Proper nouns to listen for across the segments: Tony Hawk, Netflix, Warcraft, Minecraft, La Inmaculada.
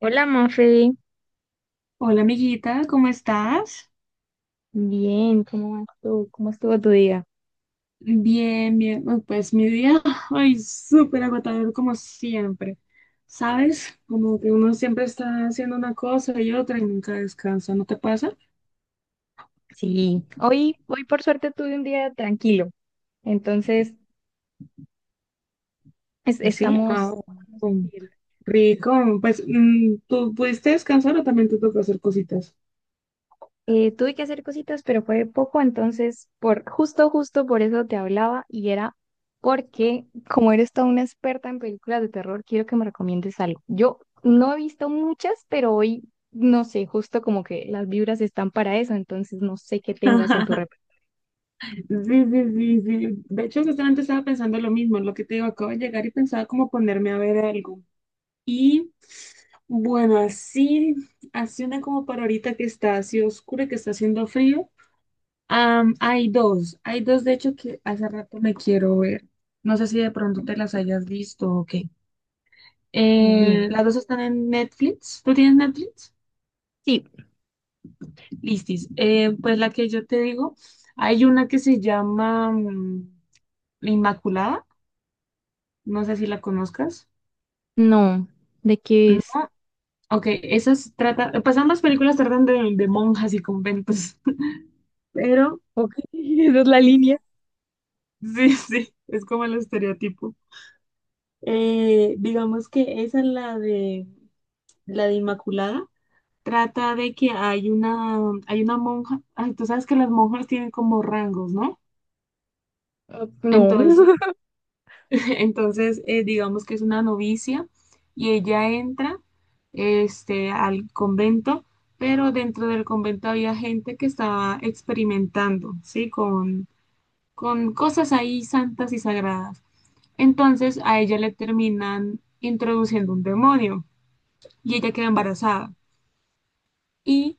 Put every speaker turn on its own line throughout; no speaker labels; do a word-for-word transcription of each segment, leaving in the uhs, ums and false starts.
Hola, Mafe.
Hola amiguita, ¿cómo estás?
Bien, ¿cómo vas tú? ¿Cómo estuvo tu día?
Bien, bien. Uy, pues mi día, ay, súper agotador como siempre. ¿Sabes? Como que uno siempre está haciendo una cosa y otra y nunca descansa, ¿no te pasa?
Sí, hoy, hoy por suerte tuve un día tranquilo, entonces es-
Sí, ah,
estamos...
um, rico. Pues, mm, ¿tú pudiste descansar o también te toca hacer cositas?
Eh, tuve que hacer cositas, pero fue poco, entonces por justo, justo por eso te hablaba y era porque como eres toda una experta en películas de terror, quiero que me recomiendes algo. Yo no he visto muchas, pero hoy, no sé, justo como que las vibras están para eso, entonces no sé qué tengas en tu repertorio.
Sí, sí, sí, sí. De hecho, justamente estaba pensando lo mismo, lo que te digo, acabo de llegar y pensaba como ponerme a ver algo. Y bueno, así, así una como para ahorita que está así oscura, que está haciendo frío. Am, hay dos, hay dos de hecho que hace rato me quiero ver. No sé si de pronto te las hayas visto o qué. Eh,
Dime.
las dos están en Netflix. ¿Tú tienes Netflix?
Sí.
Listis. Eh, pues la que yo te digo, hay una que se llama mm, La Inmaculada. No sé si la conozcas.
No, ¿de qué
No.
es?
Ok, esas tratan, pues ambas películas tratan de, de monjas y conventos. Pero
Ok, esa es la línea.
sí, sí, es como el estereotipo. Eh, digamos que esa es la de la de Inmaculada. Trata de que hay una, hay una monja. Ay, tú sabes que las monjas tienen como rangos, ¿no?
Ah, no.
Entonces, entonces eh, digamos que es una novicia y ella entra este, al convento, pero dentro del convento había gente que estaba experimentando, ¿sí? Con, con cosas ahí santas y sagradas. Entonces a ella le terminan introduciendo un demonio y ella queda embarazada. Y,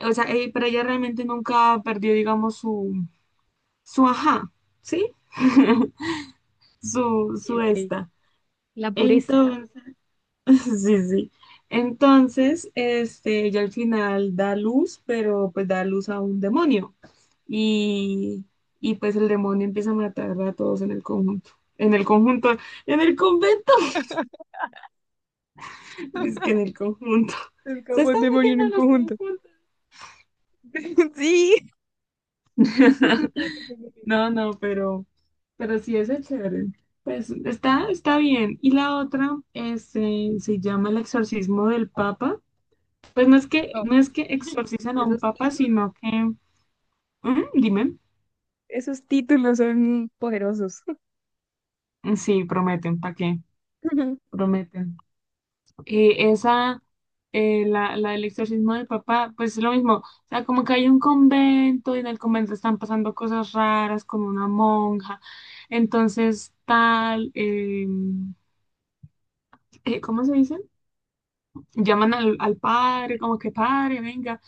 o sea, eh, pero ella realmente nunca perdió, digamos, su, su ajá, ¿sí? Su, su
Ok.
esta.
La pureza.
Entonces, sí, sí. Entonces, este, ella al final da luz, pero pues da luz a un demonio. Y, y pues el demonio empieza a matar a todos en el conjunto. En el conjunto, en el convento. Es que en el conjunto.
Es
Se
capaz
están
de morir en
metiendo
un
en los
conjunto.
conjuntos.
Sí, justo estaba pensando en eso.
No, no, pero, pero sí es chévere. Pues está, está bien. Y la otra es, eh, se llama el exorcismo del Papa. Pues no es que,
Ok.
no es que exorcizan a un
Esos
papa,
títulos,
sino que, ujú, dime,
esos títulos son poderosos.
sí, prometen, ¿para qué? Prometen. eh, esa, eh, la, la del exorcismo del papá, pues es lo mismo. O sea, como que hay un convento y en el convento están pasando cosas raras con una monja. Entonces, tal, eh, eh, ¿cómo se dice? Llaman al, al padre, como que padre, venga,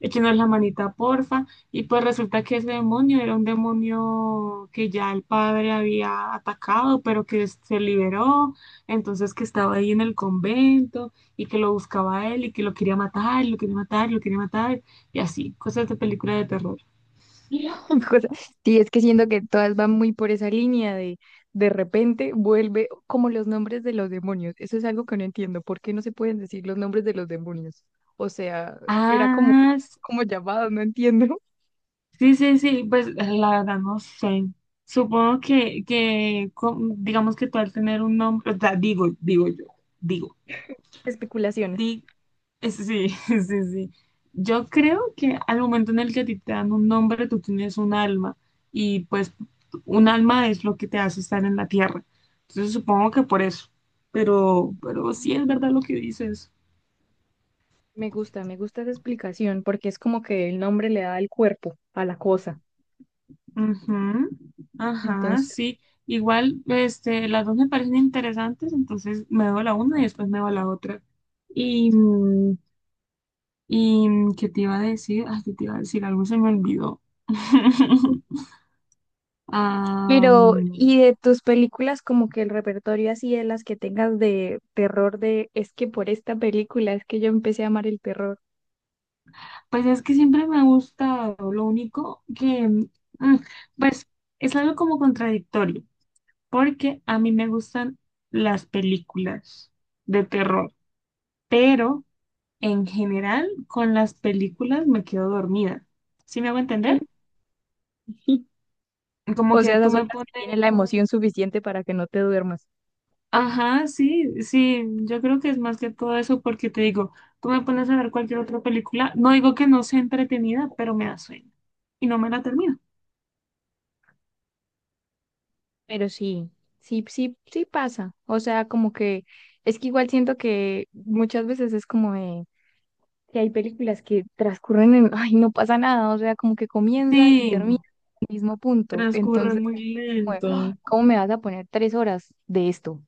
échenos la manita, porfa. Y pues resulta que ese demonio era un demonio que ya el padre había atacado, pero que se liberó, entonces que estaba ahí en el convento y que lo buscaba él y que lo quería matar, lo quería matar, lo quería matar, y así, cosas de película de terror.
Cosa- Sí, es que siento que todas van muy por esa línea de de repente vuelve como los nombres de los demonios. Eso es algo que no entiendo. ¿Por qué no se pueden decir los nombres de los demonios? O sea, era como,
Ah, s-
como llamados, no entiendo.
sí, sí, sí, pues la verdad no sé. Supongo que, que co- digamos que tú al tener un nombre, o sea, digo, digo yo, digo.
Especulaciones.
Di, es- sí, sí, sí. Yo creo que al momento en el que a ti te dan un nombre, tú tienes un alma y pues un alma es lo que te hace estar en la tierra. Entonces supongo que por eso. Pero, pero sí es
Mm.
verdad lo que dices.
Me gusta, me gusta esa explicación porque es como que el nombre le da el cuerpo a la cosa.
Ujú. Ajá,
Entonces,
sí. Igual, este, las dos me parecen interesantes, entonces me doy la una y después me doy la otra. Y, mm, y mm, ¿qué te iba a decir? Ay, ¿qué te iba a decir? Algo se me olvidó.
pero
Am,
¿y de tus películas como que el repertorio así de las que tengas de terror de es que por esta película es que yo empecé a amar el terror?
pues es que siempre me ha gustado, lo único que, mm, pues es algo como contradictorio, porque a mí me gustan las películas de terror, pero en general con las películas me quedo dormida. ¿Sí me hago entender? Como
O sea,
que tú
esas son
me
las
pones,
que tienen la emoción suficiente para que no te duermas.
ajá, sí, sí, yo creo que es más que todo eso porque te digo, tú me pones a ver cualquier otra película, no digo que no sea entretenida, pero me da sueño y no me la termino.
Pero sí, sí, sí, sí pasa. O sea, como que es que igual siento que muchas veces es como de que hay películas que transcurren en, ay, no pasa nada, o sea, como que comienza y
Sí,
termina en el mismo punto.
transcurre
Entonces,
muy
como de,
lento.
"Ah, ¿cómo me vas a poner tres horas de esto?"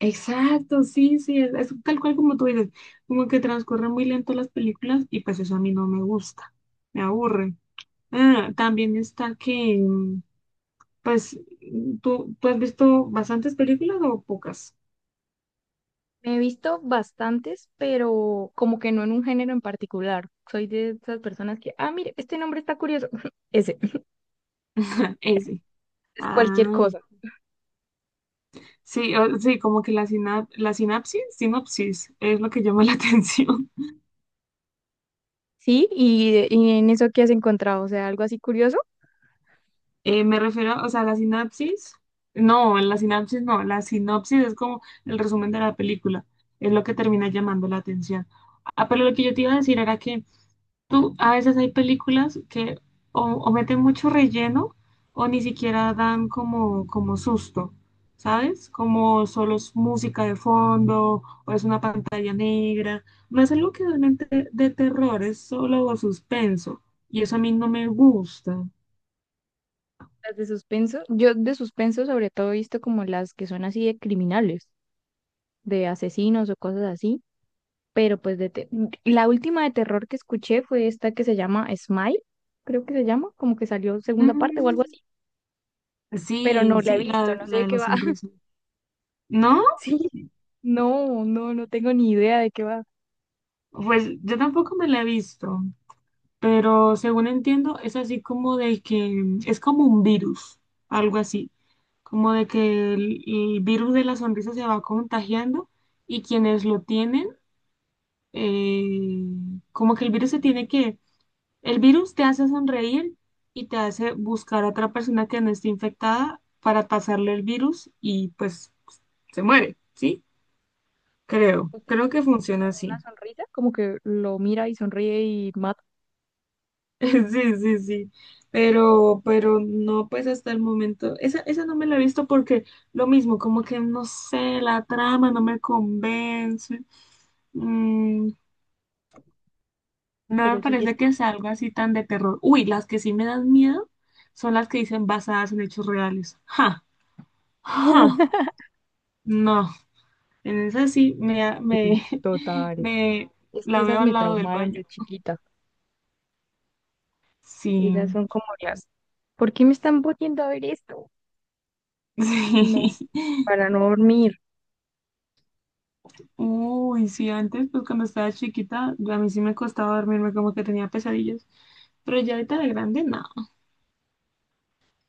Exacto, sí, sí, es, es tal cual como tú dices, como que transcurren muy lento las películas y pues eso a mí no me gusta, me aburre. Ah, también está que, mm, pues, mm, ¿tú, ¿tú has visto bastantes películas o pocas?
Me he visto bastantes, pero como que no en un género en particular. Soy de esas personas que, ah, mire, este nombre está curioso. Ese,
Ah, ese.
es cualquier
Ah,
cosa.
sí, o- sí, como que la, sina- la sinapsis, sinopsis, es lo que llama la atención.
Sí, y, y en eso que has encontrado, o sea, algo así curioso.
Eh, me refiero, o sea, la sinapsis. No, la sinapsis no. La sinopsis es como el resumen de la película. Es lo que termina llamando la atención. Ah, pero lo que yo te iba a decir era que tú, a veces hay películas que o, o meten mucho relleno o ni siquiera dan como, como susto, ¿sabes? Como solo es música de fondo o es una pantalla negra. No es algo que realmente de, de terror, es solo suspenso. Y eso a mí no me gusta.
Las de suspenso, yo de suspenso sobre todo he visto como las que son así de criminales, de asesinos o cosas así. Pero pues de te- mm, la última de terror que escuché fue esta que se llama Smile, creo que se llama, como que salió segunda parte o algo
Mm.
así, pero
Sí,
no la he
sí,
visto,
la,
no sé
la
de
de
qué
la
va.
sonrisa. ¿No?
Sí, no, no, no tengo ni idea de qué va.
Pues yo tampoco me la he visto, pero según entiendo es así como de que es como un virus, algo así, como de que el, el virus de la sonrisa se va contagiando y quienes lo tienen, eh, como que el virus se tiene que, el virus te hace sonreír y te hace buscar a otra persona que no esté infectada para pasarle el virus y pues se muere, ¿sí? Creo,
Porque
creo que
con
funciona
una
así.
sonrisa, como que lo mira y sonríe y mata,
Sí, sí, sí. Pero, pero no, pues hasta el momento. Esa, esa no me la he visto porque lo mismo, como que no sé, la trama no me convence. Mm, no me
pero sí, es
parece
que...
que sea algo así tan de terror. Uy, las que sí me dan miedo son las que dicen basadas en hechos reales. Ja, ja, no. En esa sí me, me,
Total,
me
es que
la
esas
veo al
me
lado del
traumaron
baño.
de chiquita, esas
Sí,
son como las... ¿Por qué me están poniendo a ver esto? No,
sí.
para no dormir.
Uy, sí, antes, pues cuando estaba chiquita, a mí sí me costaba dormirme, como que tenía pesadillas. Pero ya ahorita de grande, no.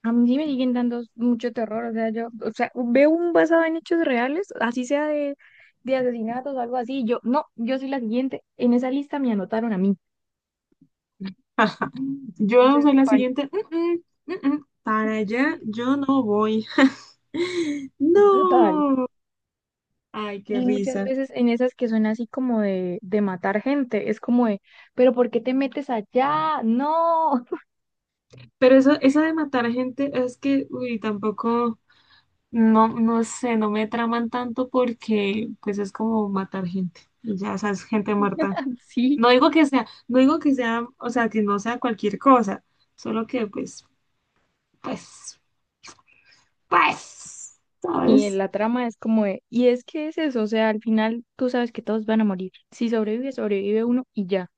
A mí sí me siguen dando mucho terror, o sea, yo, o sea, veo un basado en hechos reales, así sea de, de asesinatos o algo así, yo, no, yo soy la siguiente, en esa lista me anotaron a mí,
Yo
entonces,
soy la
pan,
siguiente. "Mm, mm, mm, mm, para allá yo no voy.
total.
No. Ay, qué
Y muchas
risa.
veces en esas que son así como de, de matar gente, es como de, pero ¿por qué te metes allá? No,
Pero eso, eso de matar gente es que, uy, tampoco, no, no sé, no me traman tanto porque, pues es como matar gente. Y ya, sabes, gente muerta.
sí.
No digo que sea, no digo que sea, o sea, que no sea cualquier cosa, solo que pues, pues, pues,
Y en
¿sabes?
la trama es como de, y es que es eso, o sea, al final tú sabes que todos van a morir, si sobrevive, sobrevive uno y ya.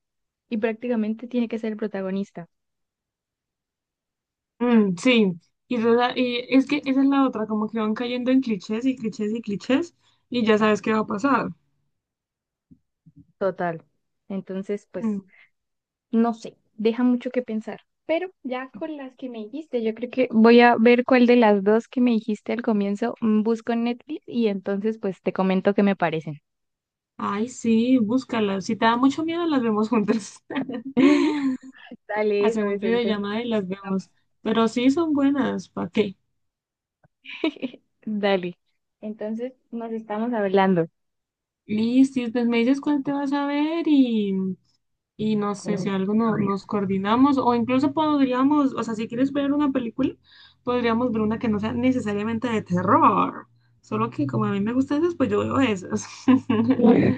Y prácticamente tiene que ser el protagonista,
Mm, sí, y, esa- y es que esa es la otra, como que van cayendo en clichés y clichés y clichés y ya sabes qué va a pasar.
total. Entonces,
Mm.
pues, no sé, deja mucho que pensar. Pero ya con las que me dijiste, yo creo que voy a ver cuál de las dos que me dijiste al comienzo mm, busco en Netflix y entonces pues te comento qué me parecen.
Ay, sí, búscala. Si te da mucho miedo, las vemos juntas.
Dale, eso,
Hacemos
eso, entonces.
videollamada y las vemos. Pero sí son buenas, ¿para qué?
Dale. Entonces nos estamos hablando.
Listo, y pues me dices cuál te vas a ver y. Y no sé si algo no- nos coordinamos o incluso podríamos, o sea, si quieres ver una película, podríamos ver una que no sea necesariamente de terror. Solo que como a mí me gustan esas, pues yo veo esas.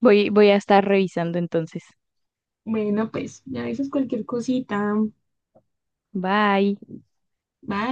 Voy, voy a estar revisando entonces.
Bueno, pues ya dices cualquier cosita.
Bye.
Bye.